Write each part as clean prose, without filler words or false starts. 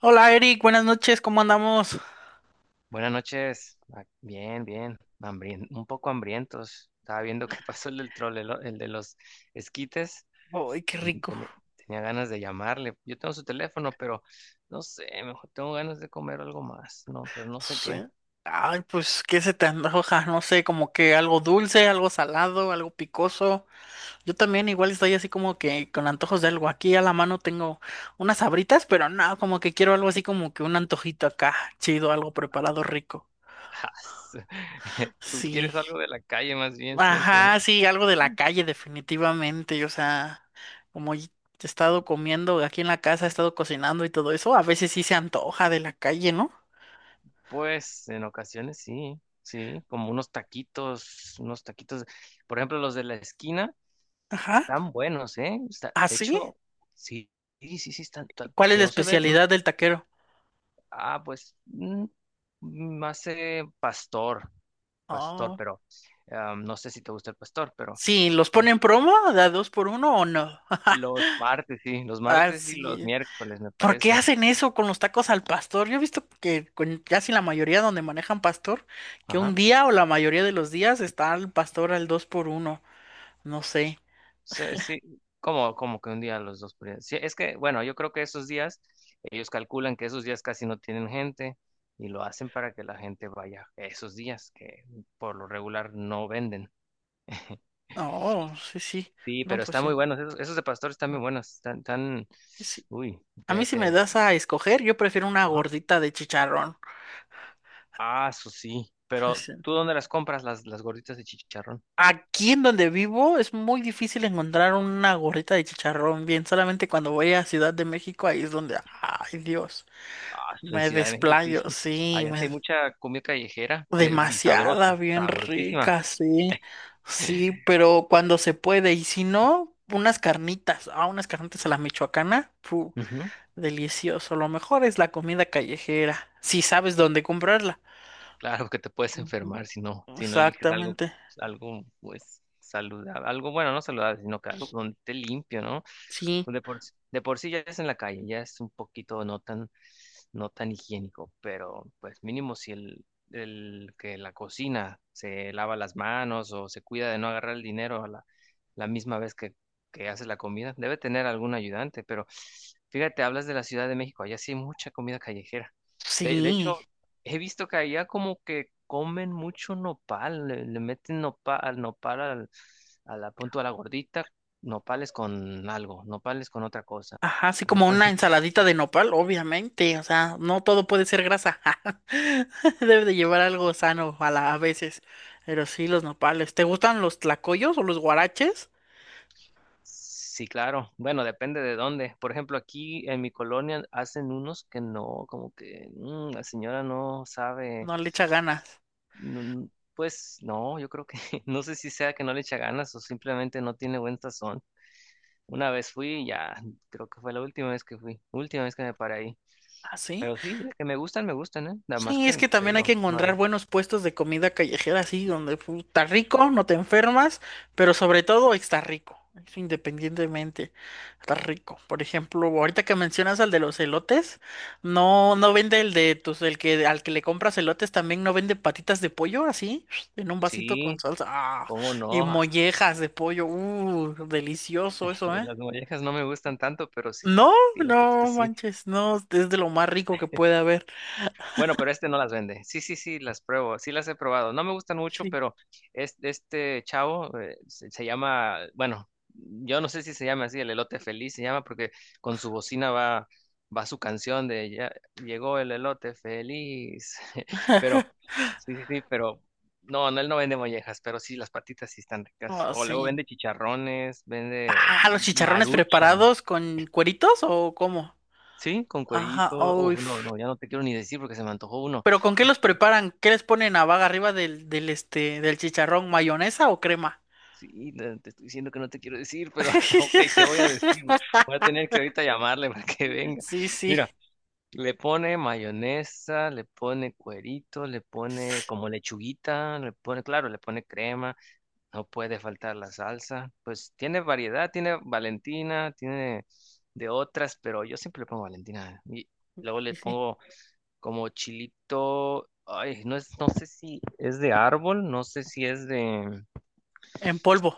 Hola Eric, buenas noches, ¿cómo andamos? Buenas noches. Bien, bien. Un poco hambrientos. Estaba viendo qué pasó el del troll, el de los esquites. Ay, qué rico. Tenía, tenía ganas de llamarle. Yo tengo su teléfono, pero no sé, mejor tengo ganas de comer algo más. No, pero no sé Sí. qué. Ay, pues, ¿qué se te antoja? No sé, como que algo dulce, algo salado, algo picoso. Yo también igual estoy así como que con antojos de algo. Aquí a la mano tengo unas sabritas, pero no, como que quiero algo así como que un antojito acá, chido, algo preparado rico. Tú Sí. quieres algo de la calle, más bien siento, ¿no? Ajá, sí, algo de la calle definitivamente. O sea, como y- he estado comiendo aquí en la casa, he estado cocinando y todo eso, a veces sí se antoja de la calle, ¿no? Pues en ocasiones sí, sí, como unos taquitos, por ejemplo, los de la esquina. Ajá. Están buenos, ¿eh? ¿Ah, De sí? hecho, sí, sí, sí, sí, están. ¿Cuál es Se la no se ve. Especialidad del taquero? Pues, más pastor, pastor, Oh. pero no sé si te gusta el pastor, pero Sí, ¿los es ponen promo? ¿Da dos por uno o no? los martes, sí, los Ah, martes y los sí. miércoles, me ¿Por qué parece. hacen eso con los tacos al pastor? Yo he visto que con casi la mayoría donde manejan pastor, que Ajá. un día o la mayoría de los días está el pastor al dos por uno. No sé. Sí, sí, como que un día los dos por día. Sí, es que, bueno, yo creo que esos días, ellos calculan que esos días casi no tienen gente y lo hacen para que la gente vaya esos días que por lo regular no venden. Oh, sí, sí. Sí, No, pero pues están muy sí. buenos. Esos de pastor están muy buenos. Están tan. Sí. Uy, A mí te, si me te. das a escoger, yo prefiero una Ajá. gordita de chicharrón. Ah, eso sí. Pero ¿tú dónde las compras, las gorditas de chicharrón? Aquí en donde vivo es muy difícil encontrar una gorrita de chicharrón bien. Solamente cuando voy a Ciudad de México, ahí es donde, ay Dios, Ah, eso en me Ciudad de México sí. desplayo, sí, Allá sí me... hay mucha comida callejera, y demasiada, sabrosa, bien sabrosísima. rica, sí, sí, pero cuando se puede, y si no, unas carnitas, ah, unas carnitas a la michoacana, pu, Ujú. delicioso. Lo mejor es la comida callejera, si sabes dónde comprarla. Claro que te puedes Ujú. enfermar si no eliges algo, Exactamente, algo pues saludable, algo bueno, no saludable, sino que algo donde esté limpio, ¿no? sí, Pues, de por sí ya es en la calle, ya es un poquito no tan higiénico, pero pues mínimo si el que la cocina se lava las manos o se cuida de no agarrar el dinero a la misma vez que hace la comida, debe tener algún ayudante, pero fíjate, hablas de la Ciudad de México, allá sí hay mucha comida callejera. De sí. hecho, he visto que allá como que comen mucho nopal, le meten nopal, nopal a la punto a la gordita, nopales con algo, nopales con otra cosa. Ajá, así como Nopales. una ensaladita de nopal, obviamente, o sea, no todo puede ser grasa. Debe de llevar algo sano a a veces, pero sí los nopales. ¿Te gustan los tlacoyos o los guaraches? Sí, claro. Bueno, depende de dónde. Por ejemplo, aquí en mi colonia hacen unos que no, como que la señora no sabe. No le echa ganas. mm, Pues no, yo creo que no sé si sea que no le echa ganas o simplemente no tiene buen sazón. Una vez fui, y ya, creo que fue la última vez que fui, última vez que me paré ahí. ¿Ah, sí? Pero sí, de que me gustan, ¿eh? Nada más Sí, es que que te también hay que digo, no hay. encontrar buenos puestos de comida callejera, así, donde pu, está rico, no te enfermas, pero sobre todo está rico, eso independientemente, está rico. Por ejemplo, ahorita que mencionas al de los elotes, no, no vende el de tus, el que al que le compras elotes también no vende patitas de pollo, así, en un vasito con Sí, salsa, ah, cómo y no. mollejas de pollo, delicioso eso, ¿eh? Las mollejas no me gustan tanto, pero sí, No, sí, las no patitas sí. manches, no, es de lo más rico que puede haber. Bueno, pero este no las vende. Sí, sí, sí, las pruebo. Sí las he probado. No me gustan mucho, Sí. pero este chavo se llama, bueno, yo no sé si se llama así, el elote feliz se llama porque con su bocina va su canción de ya llegó el elote feliz. Pero, sí, sí, sí, pero no, no, él no vende mollejas, pero sí, las patitas sí están ricas. Ah, O luego sí. vende chicharrones, vende ¿Ah, los chicharrones maruchan. preparados con cueritos o cómo? Sí, con cuerito. Ajá, uy. Oh, no, F- no, ya no te quiero ni decir porque se me antojó uno. ¿Pero con qué los preparan? ¿Qué les ponen a vaga arriba del chicharrón? ¿Mayonesa o crema? Sí, no, te estoy diciendo que no te quiero decir, pero ok, te voy a decir. Voy a tener que ahorita llamarle para que venga. Sí, sí, Mira, le pone mayonesa, le pone cuerito, le pone como lechuguita, le pone, claro, le pone crema, no puede faltar la salsa. Pues tiene variedad, tiene Valentina, tiene de otras, pero yo siempre le pongo Valentina. Y luego sí, le sí. pongo como chilito, ay, no es, no sé si es de árbol, no sé si es de. En polvo.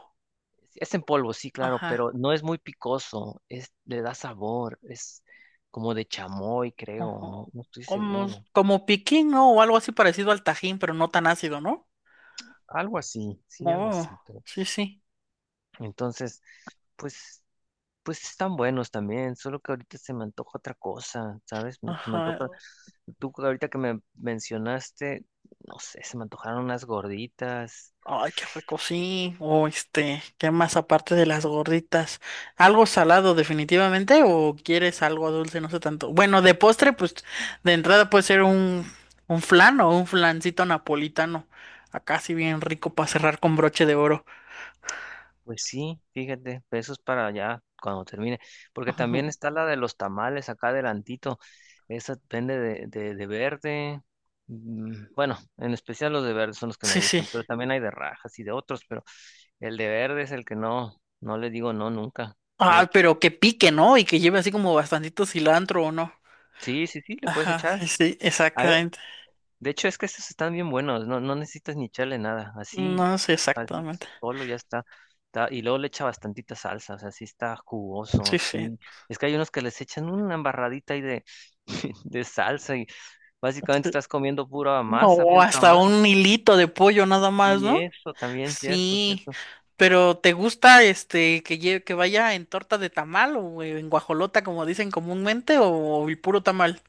Sí, es en polvo, sí, claro, Ajá. pero no es muy picoso, es, le da sabor, es como de chamoy, creo, no, Ojo. no estoy Como, seguro. como piquín, ¿no? O algo así parecido al tajín, pero no tan ácido, ¿no? Algo así, sí, algo Oh, así, pero sí, sí. entonces, pues, pues están buenos también, solo que ahorita se me antoja otra cosa, ¿sabes? Se me Ajá. antoja, tú ahorita que me mencionaste, no sé, se me antojaron unas gorditas. Ay, qué rico, sí. O este, ¿qué más aparte de las gorditas? ¿Algo salado definitivamente o quieres algo dulce? No sé tanto. Bueno, de postre, pues de entrada puede ser un flan o un flancito napolitano. Acá sí bien rico para cerrar con broche de oro. Pues sí, fíjate, pesos para allá cuando termine, porque también Ujú. está la de los tamales acá adelantito, esa depende de, de verde, bueno, en especial los de verde son los que me Sí, sí. gustan, pero también hay de rajas y de otros, pero el de verde es el que no le digo no nunca, Ah, fíjate. pero que pique, ¿no? Y que lleve así como bastantito cilantro o no. Sí, sí, sí, le puedes Ajá, echar. sí, sí, A mí exactamente. De hecho, es que estos están bien buenos, no, no necesitas ni echarle nada, así, No sé así exactamente. solo ya está, y luego le echa bastantita salsa, o sea, sí está jugoso, Sí, sí. sí. Es que hay unos que les echan una embarradita ahí de, de salsa y básicamente Sí. estás comiendo pura masa, O puro hasta tamal. un hilito de pollo nada más, Y ¿no? eso también, cierto, Sí, cierto. pero ¿te gusta este que vaya en torta de tamal o en guajolota como dicen comúnmente o el puro tamal?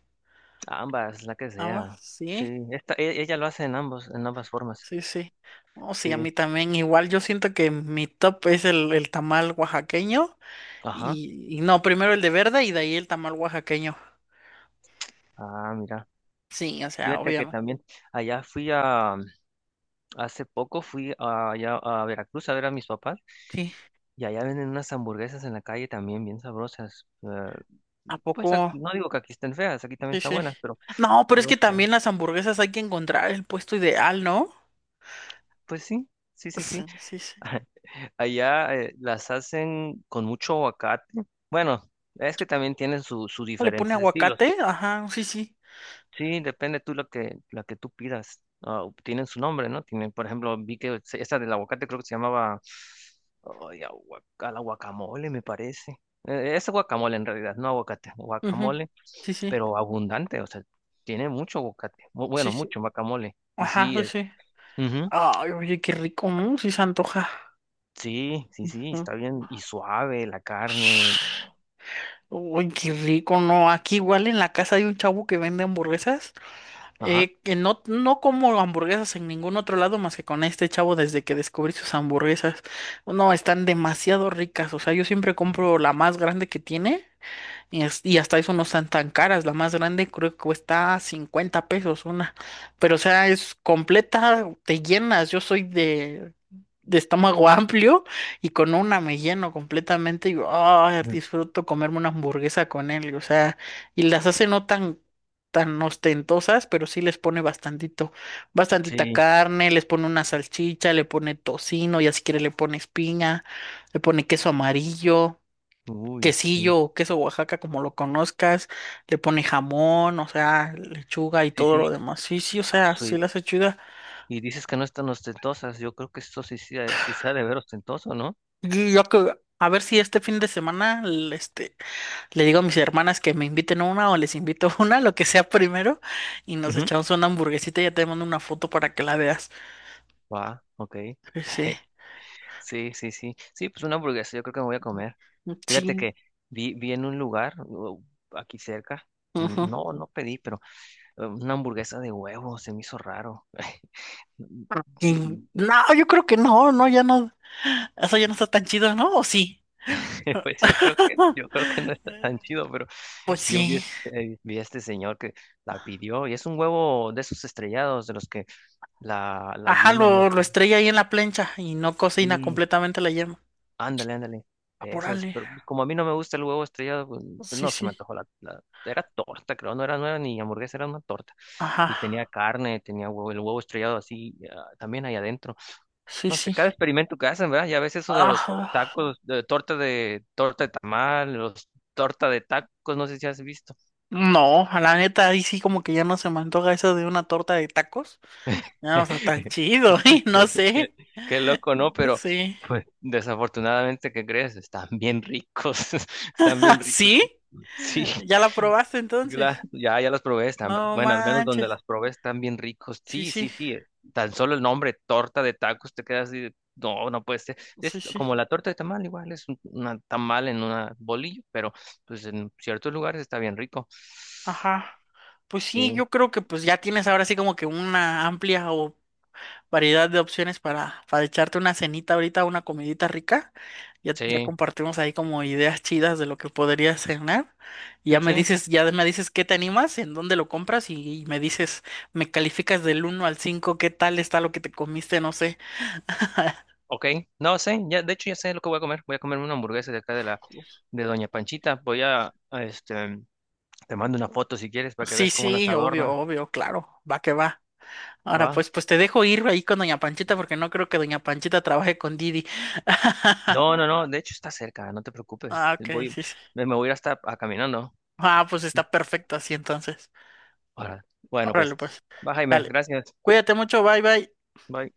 Ambas, la que Ah, va, sea. Sí, sí, ella lo hace en ambos, en ambas formas. sí, sí. Oh, sí, a Sí, mí también igual. Yo siento que mi top es el tamal oaxaqueño ajá. Y no, primero el de verde y de ahí el tamal oaxaqueño. Ah, mira. Sí, o sea, Fíjate que obviamente. también allá fui a, hace poco allá a Veracruz a ver a mis papás Sí, y allá venden unas hamburguesas en la calle también bien sabrosas. Eh, ¿a pues poco? no digo que aquí estén feas, aquí también Sí, están sí. buenas, pero No, pero es no que sé. también las hamburguesas hay que encontrar el puesto ideal, ¿no? Pues sí, sí, sí, sí. Sí, sí, sí. Allá las hacen con mucho aguacate. Bueno, es que también tienen sus ¿Le pone diferentes estilos. aguacate? Ajá, sí, sí. Sí, depende tú lo que tú pidas. Ah, tienen su nombre, ¿no? Tienen, por ejemplo, vi que esa del aguacate creo que se llamaba ay, a la guacamole, me parece. Es guacamole en realidad, no aguacate, Ujú. guacamole, Sí, sí. pero abundante, o sea, tiene mucho aguacate, Sí, bueno, sí. mucho guacamole. Y Ajá, sí, sí, sí. ujú, Ay, oye, qué rico, ¿no? Sí se antoja. sí, sí, sí, Mm. está bien, y suave la carne, Uy, qué rico, ¿no? Aquí igual en la casa hay un chavo que vende hamburguesas. ajá, Que no, no como hamburguesas en ningún otro lado más que con este chavo desde que descubrí sus hamburguesas. No, están demasiado ricas. O sea, yo siempre compro la más grande que tiene. Y, es- y hasta eso no están tan caras. La más grande creo que cuesta 50 pesos una. Pero o sea, es completa, te llenas. Yo soy de estómago amplio y con una me lleno completamente. Y ah, mm, disfruto comerme una hamburguesa con él. O sea, y las hace no tan, tan ostentosas, pero sí les pone bastantito, bastantita sí, carne, les pone una salchicha, le pone tocino, ya si quiere le pones piña, le pone queso amarillo uy, sí, quesillo o queso Oaxaca, como lo conozcas, le pone jamón, o sea, lechuga y todo sí, lo demás. Sí, sí, o sea, sí sí. las hace chida. Y dices que no están ostentosas. Yo creo que esto sí, sí, sí se ha de ver ostentoso, ¿no? Y yo que, a ver si este fin de semana le digo a mis hermanas que me inviten una o les invito una, lo que sea primero, y nos Ujú. echamos una hamburguesita y ya te mando una foto para que la veas. Va, ok. Sí, sí. Sí, sí, sí. Sí, pues una hamburguesa, yo creo que me voy a comer. Fíjate Sí, que vi en un lugar aquí cerca. Ujú. No, no pedí, pero una hamburguesa de huevo se me hizo raro. Y- Y- no, yo creo que no, no, ya no, eso ya no está tan chido, ¿no? ¿O sí? Pues yo creo que, yo creo que no está tan chido, pero Pues yo vi, sí. Vi a este señor que la pidió y es un huevo de esos estrellados de los que la Ajá, yema, no lo sé. estrella ahí en la plancha y no cocina Sí, completamente la yema. Ándale, ándale, de esos, Apúrale. pero pues, como a mí no me gusta el huevo estrellado, pues, Sí, no se me sí. antojó era torta, creo, no era nueva ni hamburguesa, era una torta, Ajá. y tenía carne, tenía huevo, el huevo estrellado así, también ahí adentro, Sí, no sé, sí. cada experimento que hacen, ¿verdad? Ya ves eso de los Ajá. tacos, torta de tamal, los torta de tacos, no sé si has visto. No, a la neta, ahí sí como que ya no se me antoja eso de una torta de tacos. Ya no está tan chido, ¿eh? No qué, qué- sé. qué loco, ¿no? Pero, Sí. pues, desafortunadamente, ¿qué crees? Están bien ricos, están bien ricos, ¿Sí? sí. ¿Ya la probaste Gla- entonces? Ya, ya las probé, están, No bueno, al menos donde manches. las probé están bien ricos. Sí, Sí, sí. sí, sí. Tan solo el nombre, torta de tacos, te quedas así, de, no, no puede ser. Sí, Es sí. como la torta de tamal, igual es un una tamal en una bolillo, pero pues en ciertos lugares está bien rico. Ajá. Pues sí, Sí, yo creo que pues ya tienes ahora sí como que una amplia o variedad de opciones para echarte una cenita ahorita, una comidita rica. Ya, ya sí, compartimos ahí como ideas chidas de lo que podrías cenar. Y sí, sí. Ya me dices qué te animas, en dónde lo compras y me dices, me calificas del uno al 5 qué tal está lo que te comiste, no sé. Ok, no sé, ya, de hecho ya sé lo que voy a comer. Voy a comerme una hamburguesa de acá de de Doña Panchita. Voy a, este, te mando una foto si quieres para que Sí, veas cómo las sí, obvio, adorna, obvio, claro, va que va. Ahora ¿va? pues, pues te dejo ir ahí con Doña Panchita porque no creo que Doña Panchita trabaje con Didi. No, no, no, de hecho está cerca, no te preocupes. Ah, ok, Voy, sí, sí. me me voy a ir hasta a caminando. Ah, pues está perfecto así entonces. Ahora, bueno, Órale, pues, pues. va Jaime, Dale. gracias. Cuídate mucho, bye bye. Bye.